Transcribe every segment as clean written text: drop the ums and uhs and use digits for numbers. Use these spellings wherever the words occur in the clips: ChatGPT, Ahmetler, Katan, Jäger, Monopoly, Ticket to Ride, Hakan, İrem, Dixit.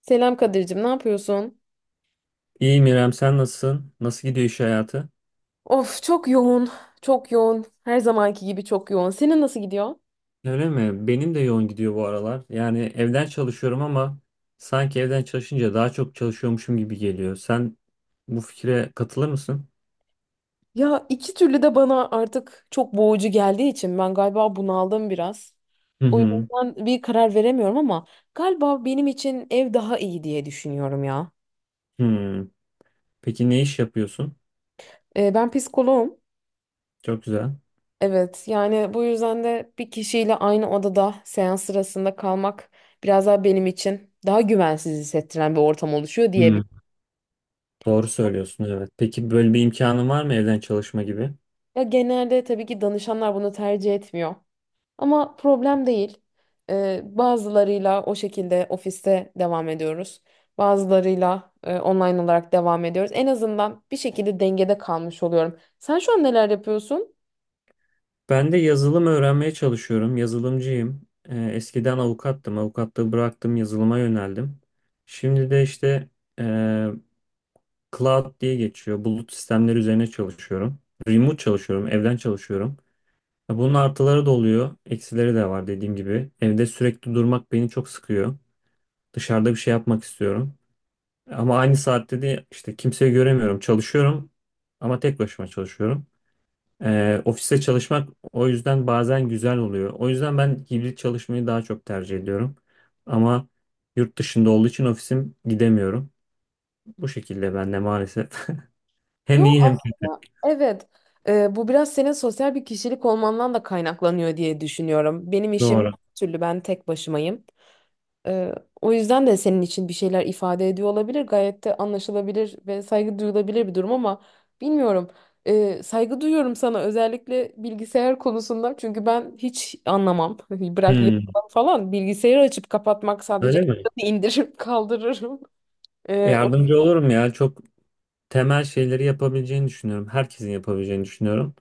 Selam Kadir'cim, ne yapıyorsun? İyiyim İrem, sen nasılsın? Nasıl gidiyor iş hayatı? Of çok yoğun, çok yoğun. Her zamanki gibi çok yoğun. Senin nasıl gidiyor? Öyle mi? Benim de yoğun gidiyor bu aralar. Yani evden çalışıyorum ama sanki evden çalışınca daha çok çalışıyormuşum gibi geliyor. Sen bu fikre katılır mısın? Ya iki türlü de bana artık çok boğucu geldiği için ben galiba bunaldım biraz. Hı O hı. yüzden bir karar veremiyorum ama galiba benim için ev daha iyi diye düşünüyorum ya. Hı. Peki ne iş yapıyorsun? Ben psikoloğum. Çok güzel. Evet, yani bu yüzden de bir kişiyle aynı odada seans sırasında kalmak biraz daha benim için daha güvensiz hissettiren bir ortam oluşuyor Hı. diyebilirim. Doğru söylüyorsun, evet. Peki böyle bir imkanın var mı evden çalışma gibi? Ya genelde tabii ki danışanlar bunu tercih etmiyor. Ama problem değil. Bazılarıyla o şekilde ofiste devam ediyoruz. Bazılarıyla online olarak devam ediyoruz. En azından bir şekilde dengede kalmış oluyorum. Sen şu an neler yapıyorsun? Ben de yazılım öğrenmeye çalışıyorum. Yazılımcıyım. Eskiden avukattım. Avukatlığı bıraktım, yazılıma yöneldim. Şimdi de işte Cloud diye geçiyor. Bulut sistemleri üzerine çalışıyorum. Remote çalışıyorum, evden çalışıyorum. Ya bunun artıları da oluyor, eksileri de var dediğim gibi. Evde sürekli durmak beni çok sıkıyor. Dışarıda bir şey yapmak istiyorum. Ama aynı saatte de işte kimseyi göremiyorum. Çalışıyorum ama tek başıma çalışıyorum. Ofiste çalışmak o yüzden bazen güzel oluyor. O yüzden ben hibrit çalışmayı daha çok tercih ediyorum. Ama yurt dışında olduğu için ofisim gidemiyorum. Bu şekilde ben de maalesef. Hem Yok iyi hem kötü. aslında, evet. Bu biraz senin sosyal bir kişilik olmandan da kaynaklanıyor diye düşünüyorum. Benim işim her Doğru. türlü ben tek başımayım. Ee, O yüzden de senin için bir şeyler ifade ediyor olabilir. Gayet de anlaşılabilir ve saygı duyulabilir bir durum ama bilmiyorum. Saygı duyuyorum sana, özellikle bilgisayar konusunda. Çünkü ben hiç anlamam. Bırak Hmm, yazılım falan, bilgisayarı açıp kapatmak, sadece öyle mi? ekranı indiririm kaldırırım. Ee, o- Yardımcı olurum ya. Çok temel şeyleri yapabileceğini düşünüyorum. Herkesin yapabileceğini düşünüyorum.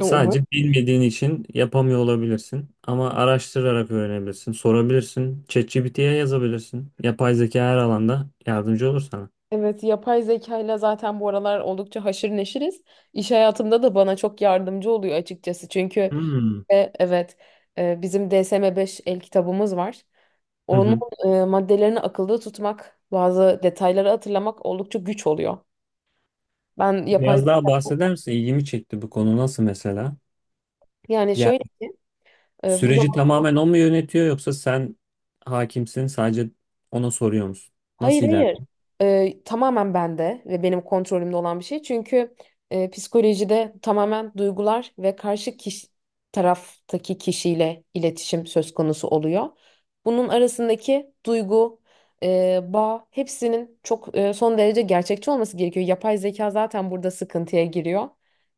Umarım. Sadece bilmediğin için yapamıyor olabilirsin. Ama araştırarak öğrenebilirsin, sorabilirsin. ChatGPT'ye yazabilirsin. Yapay zeka her alanda yardımcı olur sana. Evet, yapay zeka ile zaten bu aralar oldukça haşır neşiriz. İş hayatımda da bana çok yardımcı oluyor açıkçası. Çünkü Hmm. Evet, bizim DSM-5 el kitabımız var. Hı Onun hı. Maddelerini akılda tutmak, bazı detayları hatırlamak oldukça güç oluyor. Ben yapay Biraz daha bahseder misin? İlgimi çekti bu konu nasıl mesela? Yani şöyle Yani ki, bu. süreci tamamen o mu yönetiyor yoksa sen hakimsin sadece ona soruyor musun? Hayır, Nasıl hayır. ilerliyor? Tamamen bende ve benim kontrolümde olan bir şey. Çünkü psikolojide tamamen duygular ve karşı kişi, taraftaki kişiyle iletişim söz konusu oluyor. Bunun arasındaki duygu, bağ, hepsinin çok son derece gerçekçi olması gerekiyor. Yapay zeka zaten burada sıkıntıya giriyor.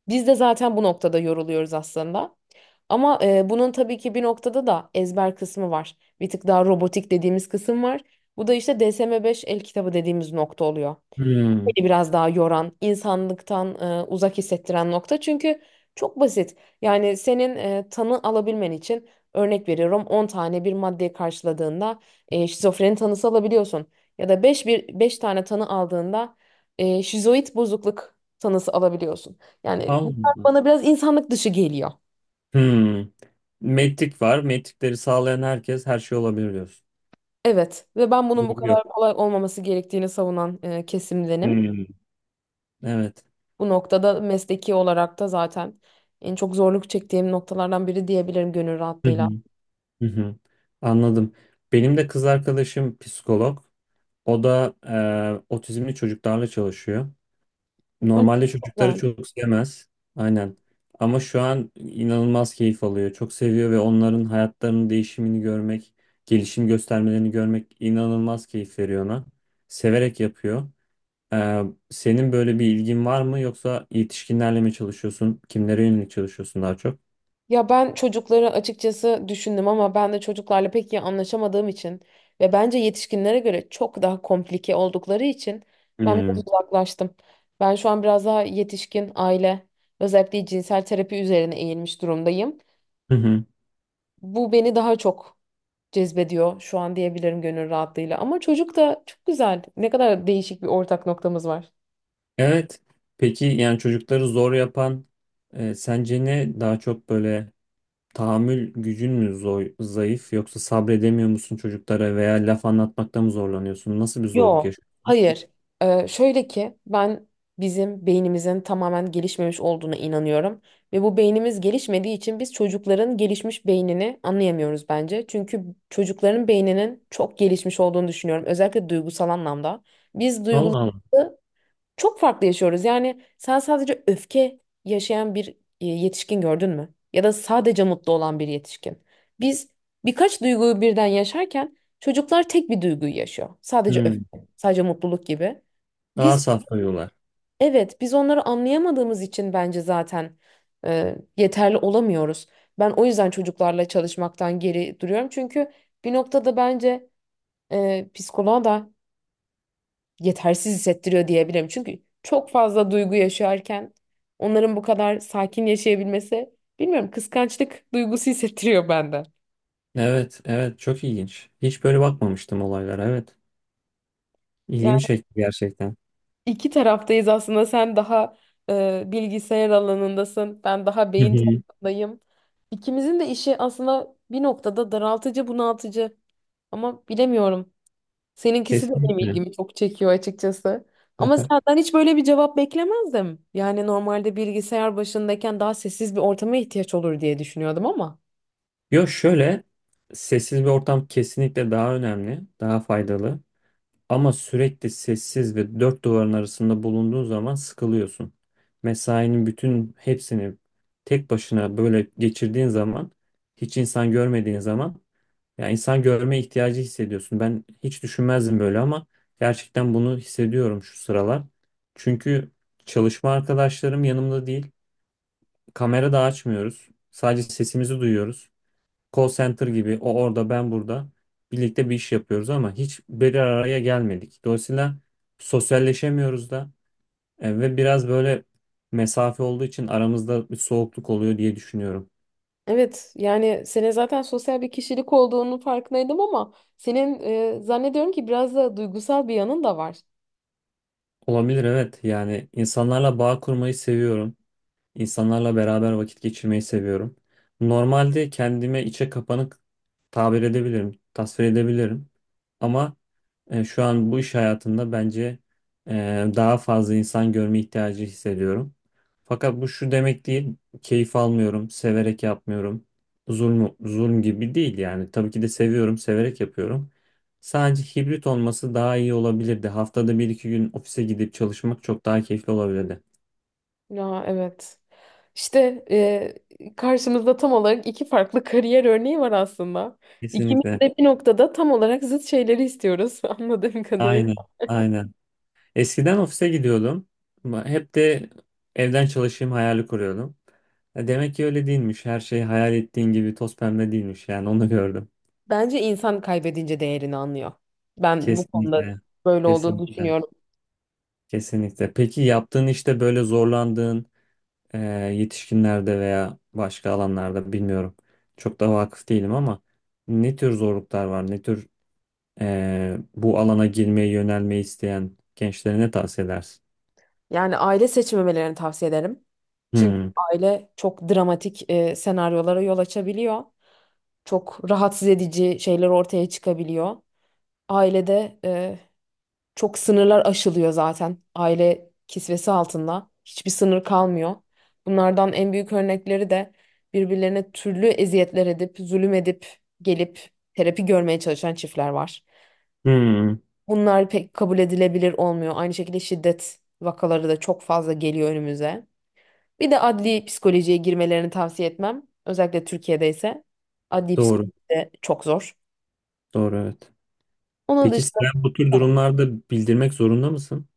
Biz de zaten bu noktada yoruluyoruz aslında. Ama bunun tabii ki bir noktada da ezber kısmı var. Bir tık daha robotik dediğimiz kısım var. Bu da işte DSM-5 el kitabı dediğimiz nokta oluyor. Hmm. Beni biraz daha yoran, insanlıktan uzak hissettiren nokta. Çünkü çok basit. Yani senin tanı alabilmen için, örnek veriyorum, 10 tane bir maddeyi karşıladığında şizofreni tanısı alabiliyorsun. Ya da beş, bir 5 tane tanı aldığında şizoid bozukluk tanısı alabiliyorsun. Yani bunlar Allah. bana biraz insanlık dışı geliyor. Hmm. Metrik var. Metrikleri sağlayan herkes her şey olabilir diyorsun. Evet, ve ben bunun bu Duygu yok. kadar kolay olmaması gerektiğini savunan kesimdenim. Hmm. Evet. Bu noktada mesleki olarak da zaten en çok zorluk çektiğim noktalardan biri diyebilirim gönül Hı hı. rahatlığıyla. Hı hı. Anladım. Benim de kız arkadaşım psikolog. O da otizmli çocuklarla çalışıyor. O Normalde çocukları yüzden, çok sevmez. Aynen. Ama şu an inanılmaz keyif alıyor. Çok seviyor ve onların hayatlarının değişimini görmek, gelişim göstermelerini görmek inanılmaz keyif veriyor ona. Severek yapıyor. Ee, Senin böyle bir ilgin var mı yoksa yetişkinlerle mi çalışıyorsun? Kimlere yönelik çalışıyorsun daha çok? ya ben çocukları açıkçası düşündüm ama ben de çocuklarla pek iyi anlaşamadığım için ve bence yetişkinlere göre çok daha komplike oldukları için ben biraz Hmm. uzaklaştım. Ben şu an biraz daha yetişkin, aile, özellikle cinsel terapi üzerine eğilmiş durumdayım. Hı hı. Bu beni daha çok cezbediyor şu an diyebilirim gönül rahatlığıyla. Ama çocuk da çok güzel. Ne kadar değişik bir ortak noktamız var. Evet. Peki yani çocukları zor yapan sence ne? Daha çok böyle tahammül gücün mü zor, zayıf yoksa sabredemiyor musun çocuklara veya laf anlatmakta mı zorlanıyorsun? Nasıl bir zorluk Yo. yaşıyorsun? Hayır. Şöyle ki, ben bizim beynimizin tamamen gelişmemiş olduğuna inanıyorum. Ve bu beynimiz gelişmediği için biz çocukların gelişmiş beynini anlayamıyoruz bence. Çünkü çocukların beyninin çok gelişmiş olduğunu düşünüyorum. Özellikle duygusal anlamda. Biz Allah Allah. duyguları çok farklı yaşıyoruz. Yani sen sadece öfke yaşayan bir yetişkin gördün mü? Ya da sadece mutlu olan bir yetişkin. Biz birkaç duyguyu birden yaşarken çocuklar tek bir duyguyu yaşıyor. Sadece öfke, Hmm. sadece mutluluk gibi. Daha Biz, saf duyuyorlar. evet, biz onları anlayamadığımız için bence zaten yeterli olamıyoruz. Ben o yüzden çocuklarla çalışmaktan geri duruyorum. Çünkü bir noktada bence psikoloğa da yetersiz hissettiriyor diyebilirim. Çünkü çok fazla duygu yaşarken onların bu kadar sakin yaşayabilmesi, bilmiyorum, kıskançlık duygusu hissettiriyor bende. Evet, evet çok ilginç. Hiç böyle bakmamıştım olaylara. Evet. İlgimi Yani çekti gerçekten. iki taraftayız aslında, sen daha bilgisayar alanındasın, ben daha Hı beyin hı. tarafındayım. İkimizin de işi aslında bir noktada daraltıcı, bunaltıcı, ama bilemiyorum. Seninkisi de benim Kesinlikle. ilgimi çok çekiyor açıkçası. Ama senden hiç böyle bir cevap beklemezdim. Yani normalde bilgisayar başındayken daha sessiz bir ortama ihtiyaç olur diye düşünüyordum ama. Yo şöyle sessiz bir ortam kesinlikle daha önemli, daha faydalı. Ama sürekli sessiz ve dört duvarın arasında bulunduğun zaman sıkılıyorsun. Mesainin bütün hepsini tek başına böyle geçirdiğin zaman, hiç insan görmediğin zaman, ya insan görme ihtiyacı hissediyorsun. Ben hiç düşünmezdim böyle ama gerçekten bunu hissediyorum şu sıralar. Çünkü çalışma arkadaşlarım yanımda değil. Kamera da açmıyoruz. Sadece sesimizi duyuyoruz, call center gibi, o orada ben burada birlikte bir iş yapıyoruz ama hiç bir araya gelmedik. Dolayısıyla sosyalleşemiyoruz da ve biraz böyle mesafe olduğu için aramızda bir soğukluk oluyor diye düşünüyorum. Evet, yani senin zaten sosyal bir kişilik olduğunu farkındaydım ama senin, zannediyorum ki, biraz da duygusal bir yanın da var. Olabilir evet, yani insanlarla bağ kurmayı seviyorum. İnsanlarla beraber vakit geçirmeyi seviyorum. Normalde kendime içe kapanık tabir edebilirim, tasvir edebilirim. Ama şu an bu iş hayatında bence e, daha fazla insan görme ihtiyacı hissediyorum. Fakat bu şu demek değil, keyif almıyorum, severek yapmıyorum. Zulm, zulm gibi değil yani. Tabii ki de seviyorum, severek yapıyorum. Sadece hibrit olması daha iyi olabilirdi. Haftada bir iki gün ofise gidip çalışmak çok daha keyifli olabilirdi. Ya evet. İşte, karşımızda tam olarak iki farklı kariyer örneği var aslında. İkimiz Kesinlikle. de bir noktada tam olarak zıt şeyleri istiyoruz anladığım kadarıyla. Aynen, aynen. Eskiden ofise gidiyordum. Ama hep de evden çalışayım hayali kuruyordum. Ya demek ki öyle değilmiş. Her şey hayal ettiğin gibi toz pembe değilmiş. Yani onu gördüm. Bence insan kaybedince değerini anlıyor. Ben bu konuda Kesinlikle, böyle olduğunu kesinlikle, düşünüyorum. kesinlikle. Peki yaptığın işte böyle zorlandığın e, yetişkinlerde veya başka alanlarda bilmiyorum. Çok da vakıf değilim ama ne tür zorluklar var? Ne tür bu alana girmeyi, yönelmeyi isteyen gençlere ne tavsiye edersin? Yani aile seçmemelerini tavsiye ederim. Çünkü Hmm. aile çok dramatik senaryolara yol açabiliyor. Çok rahatsız edici şeyler ortaya çıkabiliyor. Ailede, çok sınırlar aşılıyor zaten. Aile kisvesi altında hiçbir sınır kalmıyor. Bunlardan en büyük örnekleri de birbirlerine türlü eziyetler edip, zulüm edip gelip terapi görmeye çalışan çiftler var. Hmm. Bunlar pek kabul edilebilir olmuyor. Aynı şekilde şiddet vakaları da çok fazla geliyor önümüze. Bir de adli psikolojiye girmelerini tavsiye etmem. Özellikle Türkiye'de ise adli psikoloji Doğru. de çok zor. Doğru evet. Onun Peki dışında sen bu tür da durumlarda bildirmek zorunda mısın,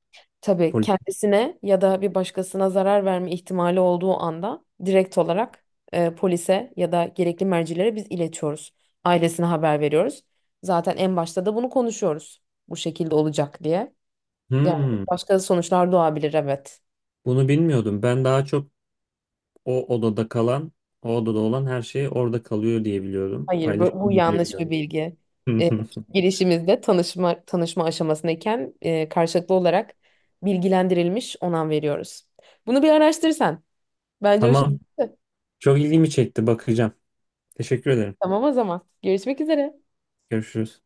tabii, polis? kendisine ya da bir başkasına zarar verme ihtimali olduğu anda direkt olarak polise ya da gerekli mercilere biz iletiyoruz. Ailesine haber veriyoruz. Zaten en başta da bunu konuşuyoruz. Bu şekilde olacak diye. Yani Hmm, başka sonuçlar doğabilir, evet. bunu bilmiyordum. Ben daha çok o odada kalan, o odada olan her şey orada kalıyor diye biliyordum. Hayır, bu Paylaşılmıyor diye yanlış bir biliyordum. bilgi. E, Girişimizde tanışma aşamasındayken, karşılıklı olarak bilgilendirilmiş onam veriyoruz. Bunu bir araştırsan. Bence hoşuna Tamam. gitti. Çok ilgimi çekti. Bakacağım. Teşekkür ederim. Tamam, o zaman. Görüşmek üzere. Görüşürüz.